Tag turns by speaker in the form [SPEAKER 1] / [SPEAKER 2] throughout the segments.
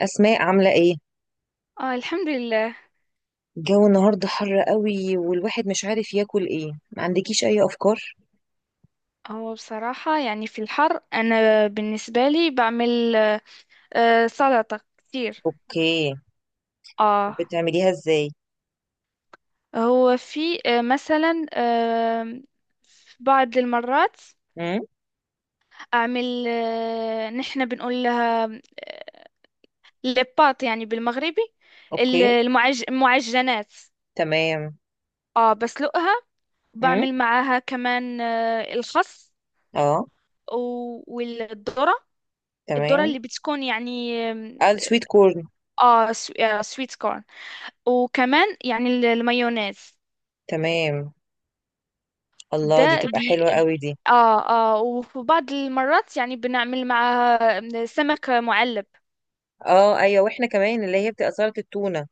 [SPEAKER 1] أسماء عاملة إيه؟
[SPEAKER 2] اه الحمد لله.
[SPEAKER 1] الجو النهاردة حر قوي والواحد مش عارف ياكل إيه، ما عندكيش أي أفكار؟
[SPEAKER 2] هو بصراحة يعني في الحر أنا بالنسبة لي بعمل سلطة كتير.
[SPEAKER 1] أوكي.
[SPEAKER 2] اه.
[SPEAKER 1] بتعمليها إزاي؟
[SPEAKER 2] هو في مثلا في بعض المرات
[SPEAKER 1] امم.
[SPEAKER 2] أعمل نحن بنقول لها آه، لباط، يعني بالمغربي
[SPEAKER 1] أوكي.
[SPEAKER 2] المعجنات.
[SPEAKER 1] تمام.
[SPEAKER 2] اه بسلقها.
[SPEAKER 1] امم.
[SPEAKER 2] بعمل معاها كمان الخس
[SPEAKER 1] أه.
[SPEAKER 2] والذرة. الذرة
[SPEAKER 1] تمام.
[SPEAKER 2] اللي بتكون يعني
[SPEAKER 1] قال سويت كورن.
[SPEAKER 2] اه سويت كورن. وكمان يعني المايونيز
[SPEAKER 1] تمام. الله، دي
[SPEAKER 2] ده.
[SPEAKER 1] تبقى حلوة قوي دي.
[SPEAKER 2] اه اه. وفي بعض المرات يعني بنعمل مع سمك معلب.
[SPEAKER 1] أه، أيوة، وإحنا كمان اللي هي بتبقى سلطة التونة.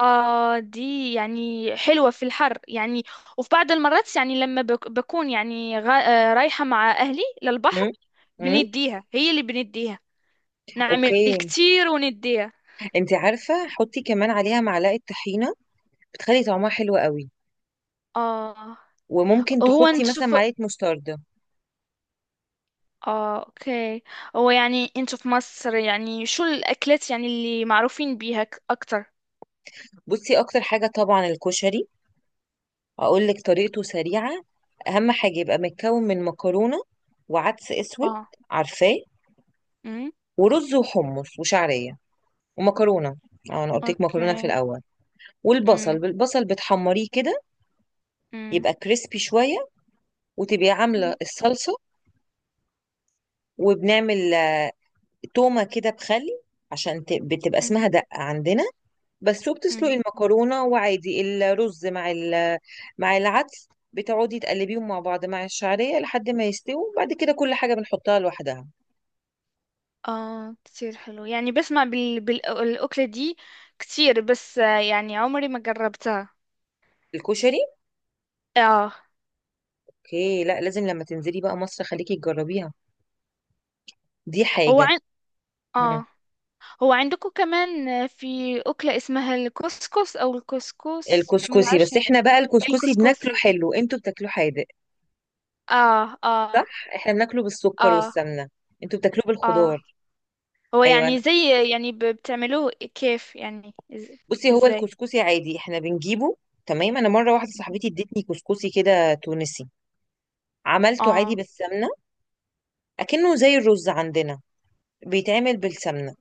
[SPEAKER 2] اه دي يعني حلوة في الحر يعني. وفي بعض المرات يعني لما بكون يعني رايحة مع أهلي للبحر.
[SPEAKER 1] امم. امم.
[SPEAKER 2] هي اللي بنديها. نعمل
[SPEAKER 1] أوكي.
[SPEAKER 2] كتير ونديها.
[SPEAKER 1] أنت عارفة، حطي كمان عليها معلقة طحينة، بتخلي طعمها حلو قوي.
[SPEAKER 2] اه.
[SPEAKER 1] وممكن
[SPEAKER 2] هو
[SPEAKER 1] تحطي
[SPEAKER 2] انت
[SPEAKER 1] مثلا
[SPEAKER 2] شوف.
[SPEAKER 1] معلقة مستردة.
[SPEAKER 2] اه اوكي. هو يعني انتوا في مصر يعني شو الأكلات يعني اللي معروفين بيها أكتر؟
[SPEAKER 1] بصي، أكتر حاجة طبعا الكشري، هقول لك طريقته سريعة. أهم حاجة يبقى متكون من مكرونة، وعدس أسود،
[SPEAKER 2] آه.
[SPEAKER 1] عارفاه،
[SPEAKER 2] امم.
[SPEAKER 1] ورز وحمص وشعرية، ومكرونة. أه، أنا قلت لك مكرونة في
[SPEAKER 2] اوكي.
[SPEAKER 1] الأول. والبصل،
[SPEAKER 2] امم.
[SPEAKER 1] بالبصل بتحمريه كده،
[SPEAKER 2] امم.
[SPEAKER 1] يبقى كريسبي شوية. وتبقي عاملة
[SPEAKER 2] مم.
[SPEAKER 1] الصلصة، وبنعمل تومة كده بخل، عشان بتبقى
[SPEAKER 2] امم.
[SPEAKER 1] اسمها دقة عندنا. بس شو، بتسلقي
[SPEAKER 2] أمم.
[SPEAKER 1] المكرونة وعادي، الرز مع العدس، بتقعدي تقلبيهم مع بعض مع الشعرية لحد ما يستووا، بعد كده كل حاجة بنحطها لوحدها.
[SPEAKER 2] اه كتير حلو، يعني بسمع بالأكلة دي كتير. بس يعني عمري ما جربتها.
[SPEAKER 1] الكشري.
[SPEAKER 2] اه.
[SPEAKER 1] اوكي، لا، لازم لما تنزلي بقى مصر خليكي تجربيها، دي
[SPEAKER 2] هو
[SPEAKER 1] حاجة.
[SPEAKER 2] عن...
[SPEAKER 1] مم.
[SPEAKER 2] اه. هو عندكم كمان في أكلة اسمها الكسكس، أو الكسكس ما
[SPEAKER 1] الكسكسي،
[SPEAKER 2] بعرفش؟
[SPEAKER 1] بس احنا بقى الكسكسي بناكله
[SPEAKER 2] الكسكسي.
[SPEAKER 1] حلو، انتوا بتاكلوه حادق
[SPEAKER 2] اه اه
[SPEAKER 1] صح؟ احنا بناكله بالسكر
[SPEAKER 2] اه
[SPEAKER 1] والسمنة، انتوا بتاكلوه
[SPEAKER 2] اه.
[SPEAKER 1] بالخضار.
[SPEAKER 2] هو
[SPEAKER 1] ايوه أنا.
[SPEAKER 2] يعني زي، يعني بتعملوه كيف يعني
[SPEAKER 1] بصي، هو
[SPEAKER 2] ازاي؟
[SPEAKER 1] الكسكسي عادي احنا بنجيبه تمام. انا مرة واحدة صاحبتي ادتني كسكسي كده تونسي، عملته عادي
[SPEAKER 2] اه
[SPEAKER 1] بالسمنة، اكنه زي الرز عندنا، بيتعمل بالسمنه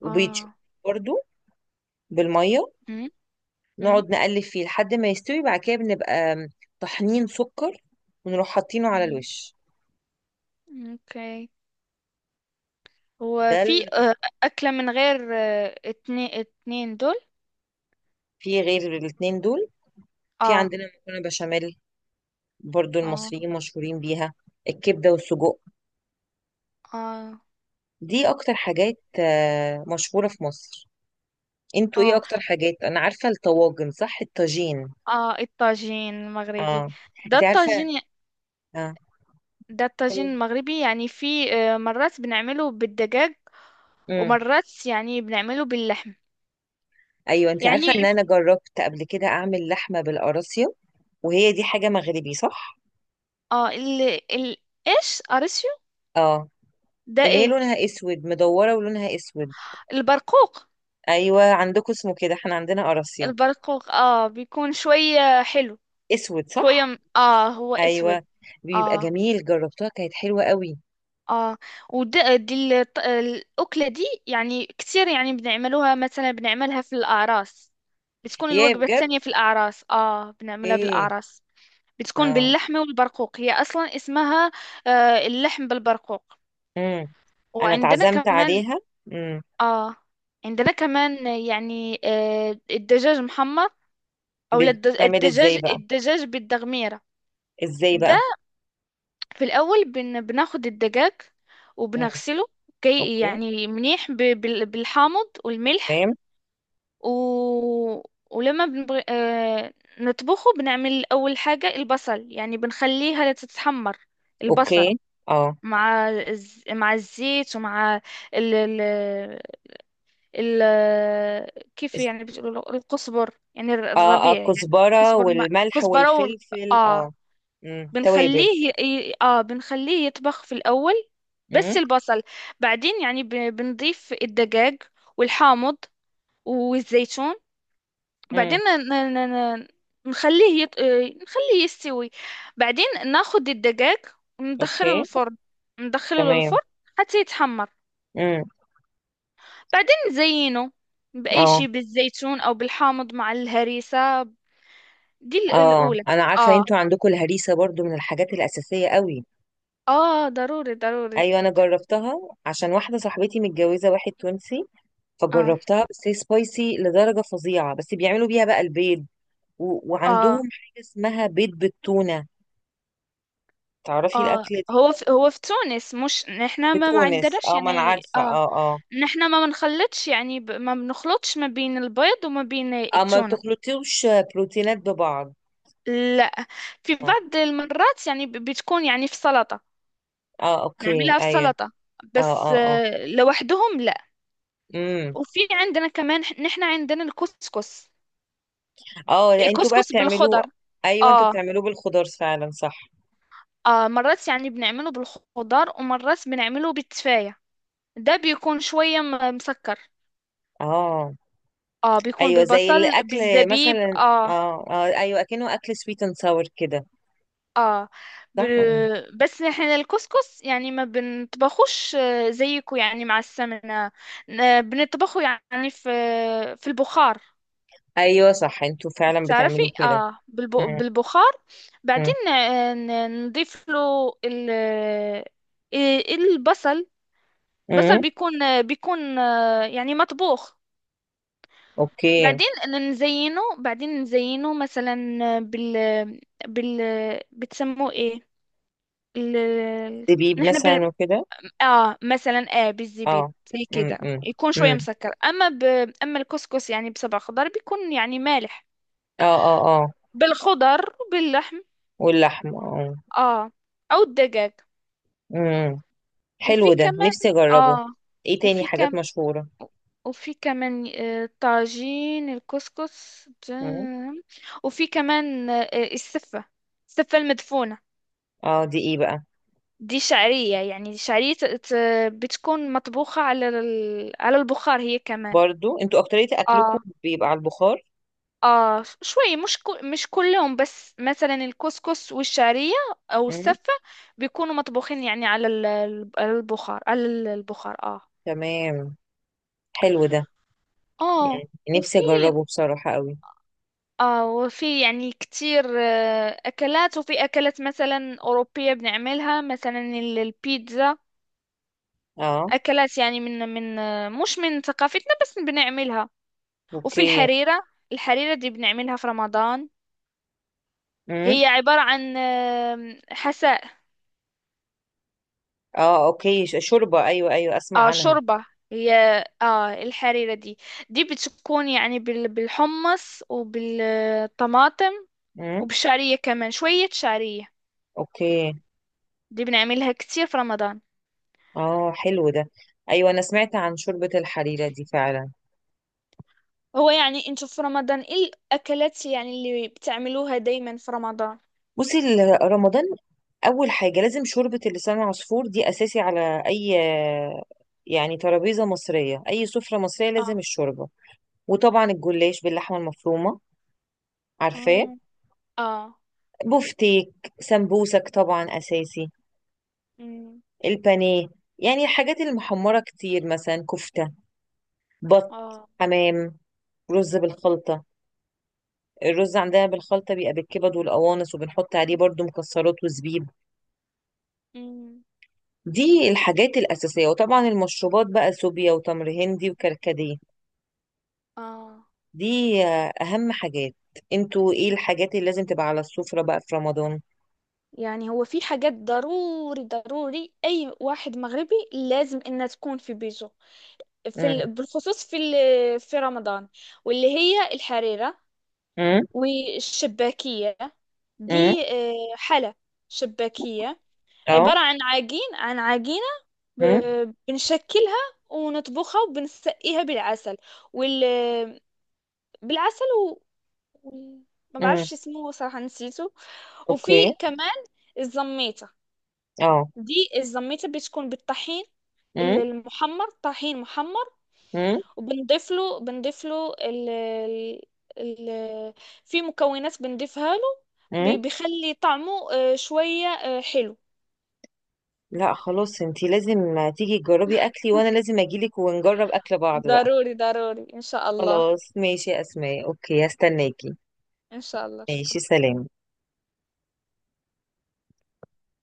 [SPEAKER 1] وبيتشوي
[SPEAKER 2] اه.
[SPEAKER 1] برضو بالميه، نقعد نقلب فيه لحد ما يستوي، بعد كده بنبقى طحنين سكر ونروح حاطينه على
[SPEAKER 2] امم.
[SPEAKER 1] الوش.
[SPEAKER 2] اوكي. هو
[SPEAKER 1] ده
[SPEAKER 2] في
[SPEAKER 1] اللي بس-.
[SPEAKER 2] أكلة من غير اتنين دول؟
[SPEAKER 1] في غير الاتنين دول في
[SPEAKER 2] اه
[SPEAKER 1] عندنا مكرونه بشاميل، برضو
[SPEAKER 2] اه
[SPEAKER 1] المصريين مشهورين بيها، الكبده والسجق.
[SPEAKER 2] اه.
[SPEAKER 1] دي اكتر حاجات مشهوره في مصر. انتوا ايه
[SPEAKER 2] اه
[SPEAKER 1] اكتر حاجات؟ انا عارفه الطواجن، صح؟ الطاجين.
[SPEAKER 2] اه الطاجين المغربي.
[SPEAKER 1] اه.
[SPEAKER 2] ده
[SPEAKER 1] انت عارفه.
[SPEAKER 2] الطاجين.
[SPEAKER 1] اه.
[SPEAKER 2] ده الطاجين المغربي، يعني في مرات بنعمله بالدجاج،
[SPEAKER 1] امم.
[SPEAKER 2] ومرات يعني بنعمله باللحم.
[SPEAKER 1] ايوه، انت عارفه ان
[SPEAKER 2] يعني ف-
[SPEAKER 1] انا جربت قبل كده اعمل لحمه بالقراصيا، وهي دي حاجه مغربي صح؟
[SPEAKER 2] اه. ال ال ايش اريسيو؟
[SPEAKER 1] اه.
[SPEAKER 2] ده
[SPEAKER 1] اللي هي
[SPEAKER 2] ايه؟
[SPEAKER 1] لونها اسود، مدوره ولونها اسود.
[SPEAKER 2] البرقوق.
[SPEAKER 1] ايوه، عندكم اسمه كده، احنا عندنا قراصيا.
[SPEAKER 2] البرقوق اه بيكون شوية حلو.
[SPEAKER 1] اسود
[SPEAKER 2] شوية
[SPEAKER 1] صح.
[SPEAKER 2] اه هو اسود.
[SPEAKER 1] ايوه، بيبقى
[SPEAKER 2] اه
[SPEAKER 1] جميل، جربتها كانت حلوه قوي.
[SPEAKER 2] اه. ودي الأكلة دي يعني كتير، يعني بنعملوها مثلا بنعملها في الأعراس. بتكون
[SPEAKER 1] يا
[SPEAKER 2] الوجبة
[SPEAKER 1] بجد؟
[SPEAKER 2] الثانية في الأعراس، اه بنعملها
[SPEAKER 1] ايه.
[SPEAKER 2] بالأعراس. بتكون
[SPEAKER 1] اه.
[SPEAKER 2] باللحمة والبرقوق، هي أصلا اسمها اللحم بالبرقوق.
[SPEAKER 1] امم. انا
[SPEAKER 2] وعندنا
[SPEAKER 1] اتعزمت
[SPEAKER 2] كمان.
[SPEAKER 1] عليها. امم.
[SPEAKER 2] اه. عندنا كمان يعني الدجاج محمر، أو لا
[SPEAKER 1] بتتعمل ازاي بقى؟
[SPEAKER 2] الدجاج بالدغميرة.
[SPEAKER 1] ازاي بقى؟
[SPEAKER 2] في الأول بناخد الدجاج
[SPEAKER 1] امم.
[SPEAKER 2] وبنغسله، كي
[SPEAKER 1] اوكي.
[SPEAKER 2] يعني منيح بالحامض والملح.
[SPEAKER 1] تمام.
[SPEAKER 2] و... ولما بنبغ... آه... نطبخه. بنعمل أول حاجة البصل، يعني بنخليها تتحمر، البصل،
[SPEAKER 1] اوكي. اه.
[SPEAKER 2] مع مع الزيت، ومع ال... ال... ال... كيف يعني بتقولوا له؟ القصبر، يعني
[SPEAKER 1] اه. اه،
[SPEAKER 2] الربيع يعني.
[SPEAKER 1] الكزبرة
[SPEAKER 2] قصبر
[SPEAKER 1] والملح
[SPEAKER 2] كزبرة
[SPEAKER 1] والفلفل،
[SPEAKER 2] اه.
[SPEAKER 1] اه. امم، توابل.
[SPEAKER 2] بنخليه اه بنخليه يطبخ في الأول، بس
[SPEAKER 1] امم.
[SPEAKER 2] البصل. بعدين، يعني بنضيف الدجاج والحامض والزيتون. بعدين
[SPEAKER 1] امم.
[SPEAKER 2] نخليه يط... آه، نخليه يستوي. بعدين ناخد الدجاج وندخله
[SPEAKER 1] اوكي.
[SPEAKER 2] الفرن. ندخله
[SPEAKER 1] تمام.
[SPEAKER 2] للفرن حتى يتحمر.
[SPEAKER 1] امم.
[SPEAKER 2] بعدين نزينه بأي
[SPEAKER 1] اه.
[SPEAKER 2] شيء، بالزيتون أو بالحامض مع الهريسة. دي
[SPEAKER 1] اه،
[SPEAKER 2] الأولى.
[SPEAKER 1] انا عارفة
[SPEAKER 2] اه
[SPEAKER 1] انتوا عندكم الهريسة برضو من الحاجات الأساسية قوي.
[SPEAKER 2] اه. ضروري ضروري.
[SPEAKER 1] ايوه، انا جربتها، عشان واحدة صاحبتي متجوزة واحد تونسي،
[SPEAKER 2] اه
[SPEAKER 1] فجربتها، بس هي سبايسي لدرجة فظيعة، بس بيعملوا بيها بقى البيض.
[SPEAKER 2] اه
[SPEAKER 1] وعندهم حاجة اسمها بيض بالتونة، تعرفي
[SPEAKER 2] اه.
[SPEAKER 1] الأكلة دي؟
[SPEAKER 2] هو في تونس مش نحنا. ما
[SPEAKER 1] بتونس،
[SPEAKER 2] عندناش
[SPEAKER 1] اه، ما انا
[SPEAKER 2] يعني
[SPEAKER 1] عارفة،
[SPEAKER 2] اه.
[SPEAKER 1] اه، اه.
[SPEAKER 2] نحنا ما بنخلطش، يعني ما بنخلطش ما بين البيض وما بين
[SPEAKER 1] اه، ما
[SPEAKER 2] التونة.
[SPEAKER 1] بتخلطيوش بروتينات ببعض.
[SPEAKER 2] لا. في
[SPEAKER 1] آه.
[SPEAKER 2] بعض المرات يعني بتكون يعني في سلطة،
[SPEAKER 1] اه، اوكي،
[SPEAKER 2] نعملها في
[SPEAKER 1] ايوه.
[SPEAKER 2] سلطة.
[SPEAKER 1] اه
[SPEAKER 2] بس
[SPEAKER 1] اه اه.
[SPEAKER 2] لوحدهم لا.
[SPEAKER 1] امم.
[SPEAKER 2] وفي عندنا كمان نحنا عندنا الكسكس.
[SPEAKER 1] اه، انتوا بقى
[SPEAKER 2] الكسكس بالخضر.
[SPEAKER 1] بتعملوه. ايوه، انتوا
[SPEAKER 2] اه
[SPEAKER 1] بتعملوه بالخضار فعلا صح؟
[SPEAKER 2] اه. مرات يعني بنعمله بالخضار، ومرات بنعمله بالتفاية. ده بيكون شوية مسكر.
[SPEAKER 1] اه،
[SPEAKER 2] اه بيكون
[SPEAKER 1] ايوه، زي
[SPEAKER 2] بالبصل
[SPEAKER 1] الاكل
[SPEAKER 2] بالزبيب
[SPEAKER 1] مثلا،
[SPEAKER 2] اه.
[SPEAKER 1] اه اه ايوه، اكنه اكل سويت اند ساور كده.
[SPEAKER 2] اه ب...
[SPEAKER 1] صح. مم.
[SPEAKER 2] بس نحن الكسكس يعني ما بنطبخوش زيكو، يعني مع السمنة. بنطبخه يعني في البخار.
[SPEAKER 1] ايوه صح، انتوا فعلا
[SPEAKER 2] تعرفي،
[SPEAKER 1] بتعملوه كده.
[SPEAKER 2] اه
[SPEAKER 1] امم.
[SPEAKER 2] بالبخار.
[SPEAKER 1] امم.
[SPEAKER 2] بعدين نضيف له ال... آه، البصل. بصل
[SPEAKER 1] امم.
[SPEAKER 2] بيكون، يعني مطبوخ.
[SPEAKER 1] اوكي.
[SPEAKER 2] بعدين نزينه مثلا، بال بال بتسموه ايه؟ ال... ال-
[SPEAKER 1] زبيب
[SPEAKER 2] نحن ب...
[SPEAKER 1] مثلا، وكده.
[SPEAKER 2] اه مثلا اه بالزبيب.
[SPEAKER 1] اه.
[SPEAKER 2] زي
[SPEAKER 1] امم
[SPEAKER 2] كده
[SPEAKER 1] امم
[SPEAKER 2] يكون شوية
[SPEAKER 1] امم.
[SPEAKER 2] مسكر. اما اما الكسكس يعني بسبع خضار بيكون يعني مالح،
[SPEAKER 1] اه اه اه.
[SPEAKER 2] بالخضر وباللحم
[SPEAKER 1] واللحم، اه.
[SPEAKER 2] اه، او الدجاج.
[SPEAKER 1] امم.
[SPEAKER 2] وفي
[SPEAKER 1] حلو ده،
[SPEAKER 2] كمان.
[SPEAKER 1] نفسي اجربه.
[SPEAKER 2] اه.
[SPEAKER 1] ايه تاني
[SPEAKER 2] وفي
[SPEAKER 1] حاجات
[SPEAKER 2] كم
[SPEAKER 1] مشهورة؟
[SPEAKER 2] وفي كمان طاجين الكسكس
[SPEAKER 1] امم.
[SPEAKER 2] وفي كمان السفة. السفة المدفونة.
[SPEAKER 1] اه، دي ايه بقى؟
[SPEAKER 2] دي شعرية، يعني شعرية بتكون مطبوخة على البخار هي كمان.
[SPEAKER 1] برضو انتوا اكترية اكلكم
[SPEAKER 2] اه.
[SPEAKER 1] بيبقى على البخار.
[SPEAKER 2] اه شوي، مش مش كلهم، بس مثلا الكسكس والشعرية او
[SPEAKER 1] مم.
[SPEAKER 2] السفة، بيكونوا مطبوخين، يعني على البخار اه.
[SPEAKER 1] تمام. حلو ده.
[SPEAKER 2] اه.
[SPEAKER 1] يعني نفسي
[SPEAKER 2] وفي.
[SPEAKER 1] اجربه بصراحة قوي.
[SPEAKER 2] يعني كتير اكلات. وفي اكلات مثلا اوروبية بنعملها، مثلا البيتزا.
[SPEAKER 1] اه.
[SPEAKER 2] اكلات يعني من من آه، مش من ثقافتنا، بس بنعملها. وفي
[SPEAKER 1] اوكي.
[SPEAKER 2] الحريرة. الحريرة دي بنعملها في رمضان.
[SPEAKER 1] مم.
[SPEAKER 2] هي عبارة عن حساء.
[SPEAKER 1] اه، اوكي، شوربة، ايوه، ايوه، اسمع
[SPEAKER 2] اه
[SPEAKER 1] عنها.
[SPEAKER 2] شوربة. هي. اه الحريرة دي، دي بتكون يعني بالحمص وبالطماطم
[SPEAKER 1] مم.
[SPEAKER 2] وبالشعرية، كمان شوية شعرية.
[SPEAKER 1] اوكي.
[SPEAKER 2] دي بنعملها كتير في رمضان.
[SPEAKER 1] اه، حلو ده. ايوه، انا سمعت عن شوربة الحريرة دي فعلا.
[SPEAKER 2] هو يعني انتوا في رمضان ايه الأكلات يعني اللي بتعملوها دايما في رمضان؟
[SPEAKER 1] بصي، رمضان اول حاجة لازم شوربة اللسان العصفور، دي اساسي على اي يعني ترابيزة مصرية، اي سفرة مصرية لازم
[SPEAKER 2] اه
[SPEAKER 1] الشوربة. وطبعا الجلاش باللحمة المفرومة، عارفاه.
[SPEAKER 2] اه اه.
[SPEAKER 1] بفتيك، سمبوسك طبعا أساسي،
[SPEAKER 2] أمم.
[SPEAKER 1] البانيه، يعني الحاجات المحمرة كتير، مثلا كفتة، بط،
[SPEAKER 2] اه
[SPEAKER 1] حمام، رز بالخلطة. الرز عندنا بالخلطة بيبقى بالكبد والقوانص، وبنحط عليه برضو مكسرات وزبيب.
[SPEAKER 2] أمم.
[SPEAKER 1] دي الحاجات الأساسية. وطبعا المشروبات بقى، سوبيا وتمر هندي وكركديه.
[SPEAKER 2] اه
[SPEAKER 1] دي أهم حاجات. انتوا ايه الحاجات اللي لازم تبقى على السفرة بقى في رمضان؟
[SPEAKER 2] يعني هو في حاجات ضروري ضروري أي واحد مغربي لازم إنها تكون في بيته، في
[SPEAKER 1] امم.
[SPEAKER 2] بالخصوص في في رمضان، واللي هي الحريرة
[SPEAKER 1] امم.
[SPEAKER 2] والشباكية.
[SPEAKER 1] امم.
[SPEAKER 2] دي حلة شباكية.
[SPEAKER 1] اه.
[SPEAKER 2] عبارة عن عجينة ب...
[SPEAKER 1] امم.
[SPEAKER 2] بنشكلها ونطبخها وبنسقيها بالعسل، وال... بالعسل وال- ما
[SPEAKER 1] امم.
[SPEAKER 2] بعرفش اسمه صراحة، نسيته. وفي
[SPEAKER 1] اوكي.
[SPEAKER 2] كمان الزميتة.
[SPEAKER 1] اه.
[SPEAKER 2] دي الزميتة بتكون بالطحين
[SPEAKER 1] امم.
[SPEAKER 2] المحمر، طحين محمر. وبنضيف له بنضيف له ال ال ال- في مكونات بنضيفها له،
[SPEAKER 1] امم.
[SPEAKER 2] بيخلي طعمه شوية حلو.
[SPEAKER 1] لا، خلاص، انتي لازم تيجي تجربي اكلي، وانا لازم اجيلك ونجرب اكل بعض بقى.
[SPEAKER 2] ضروري ضروري إن شاء الله.
[SPEAKER 1] خلاص ماشي يا اسماء، اوكي، هستناكي.
[SPEAKER 2] إن شاء الله
[SPEAKER 1] ماشي،
[SPEAKER 2] شكرا.
[SPEAKER 1] سلام.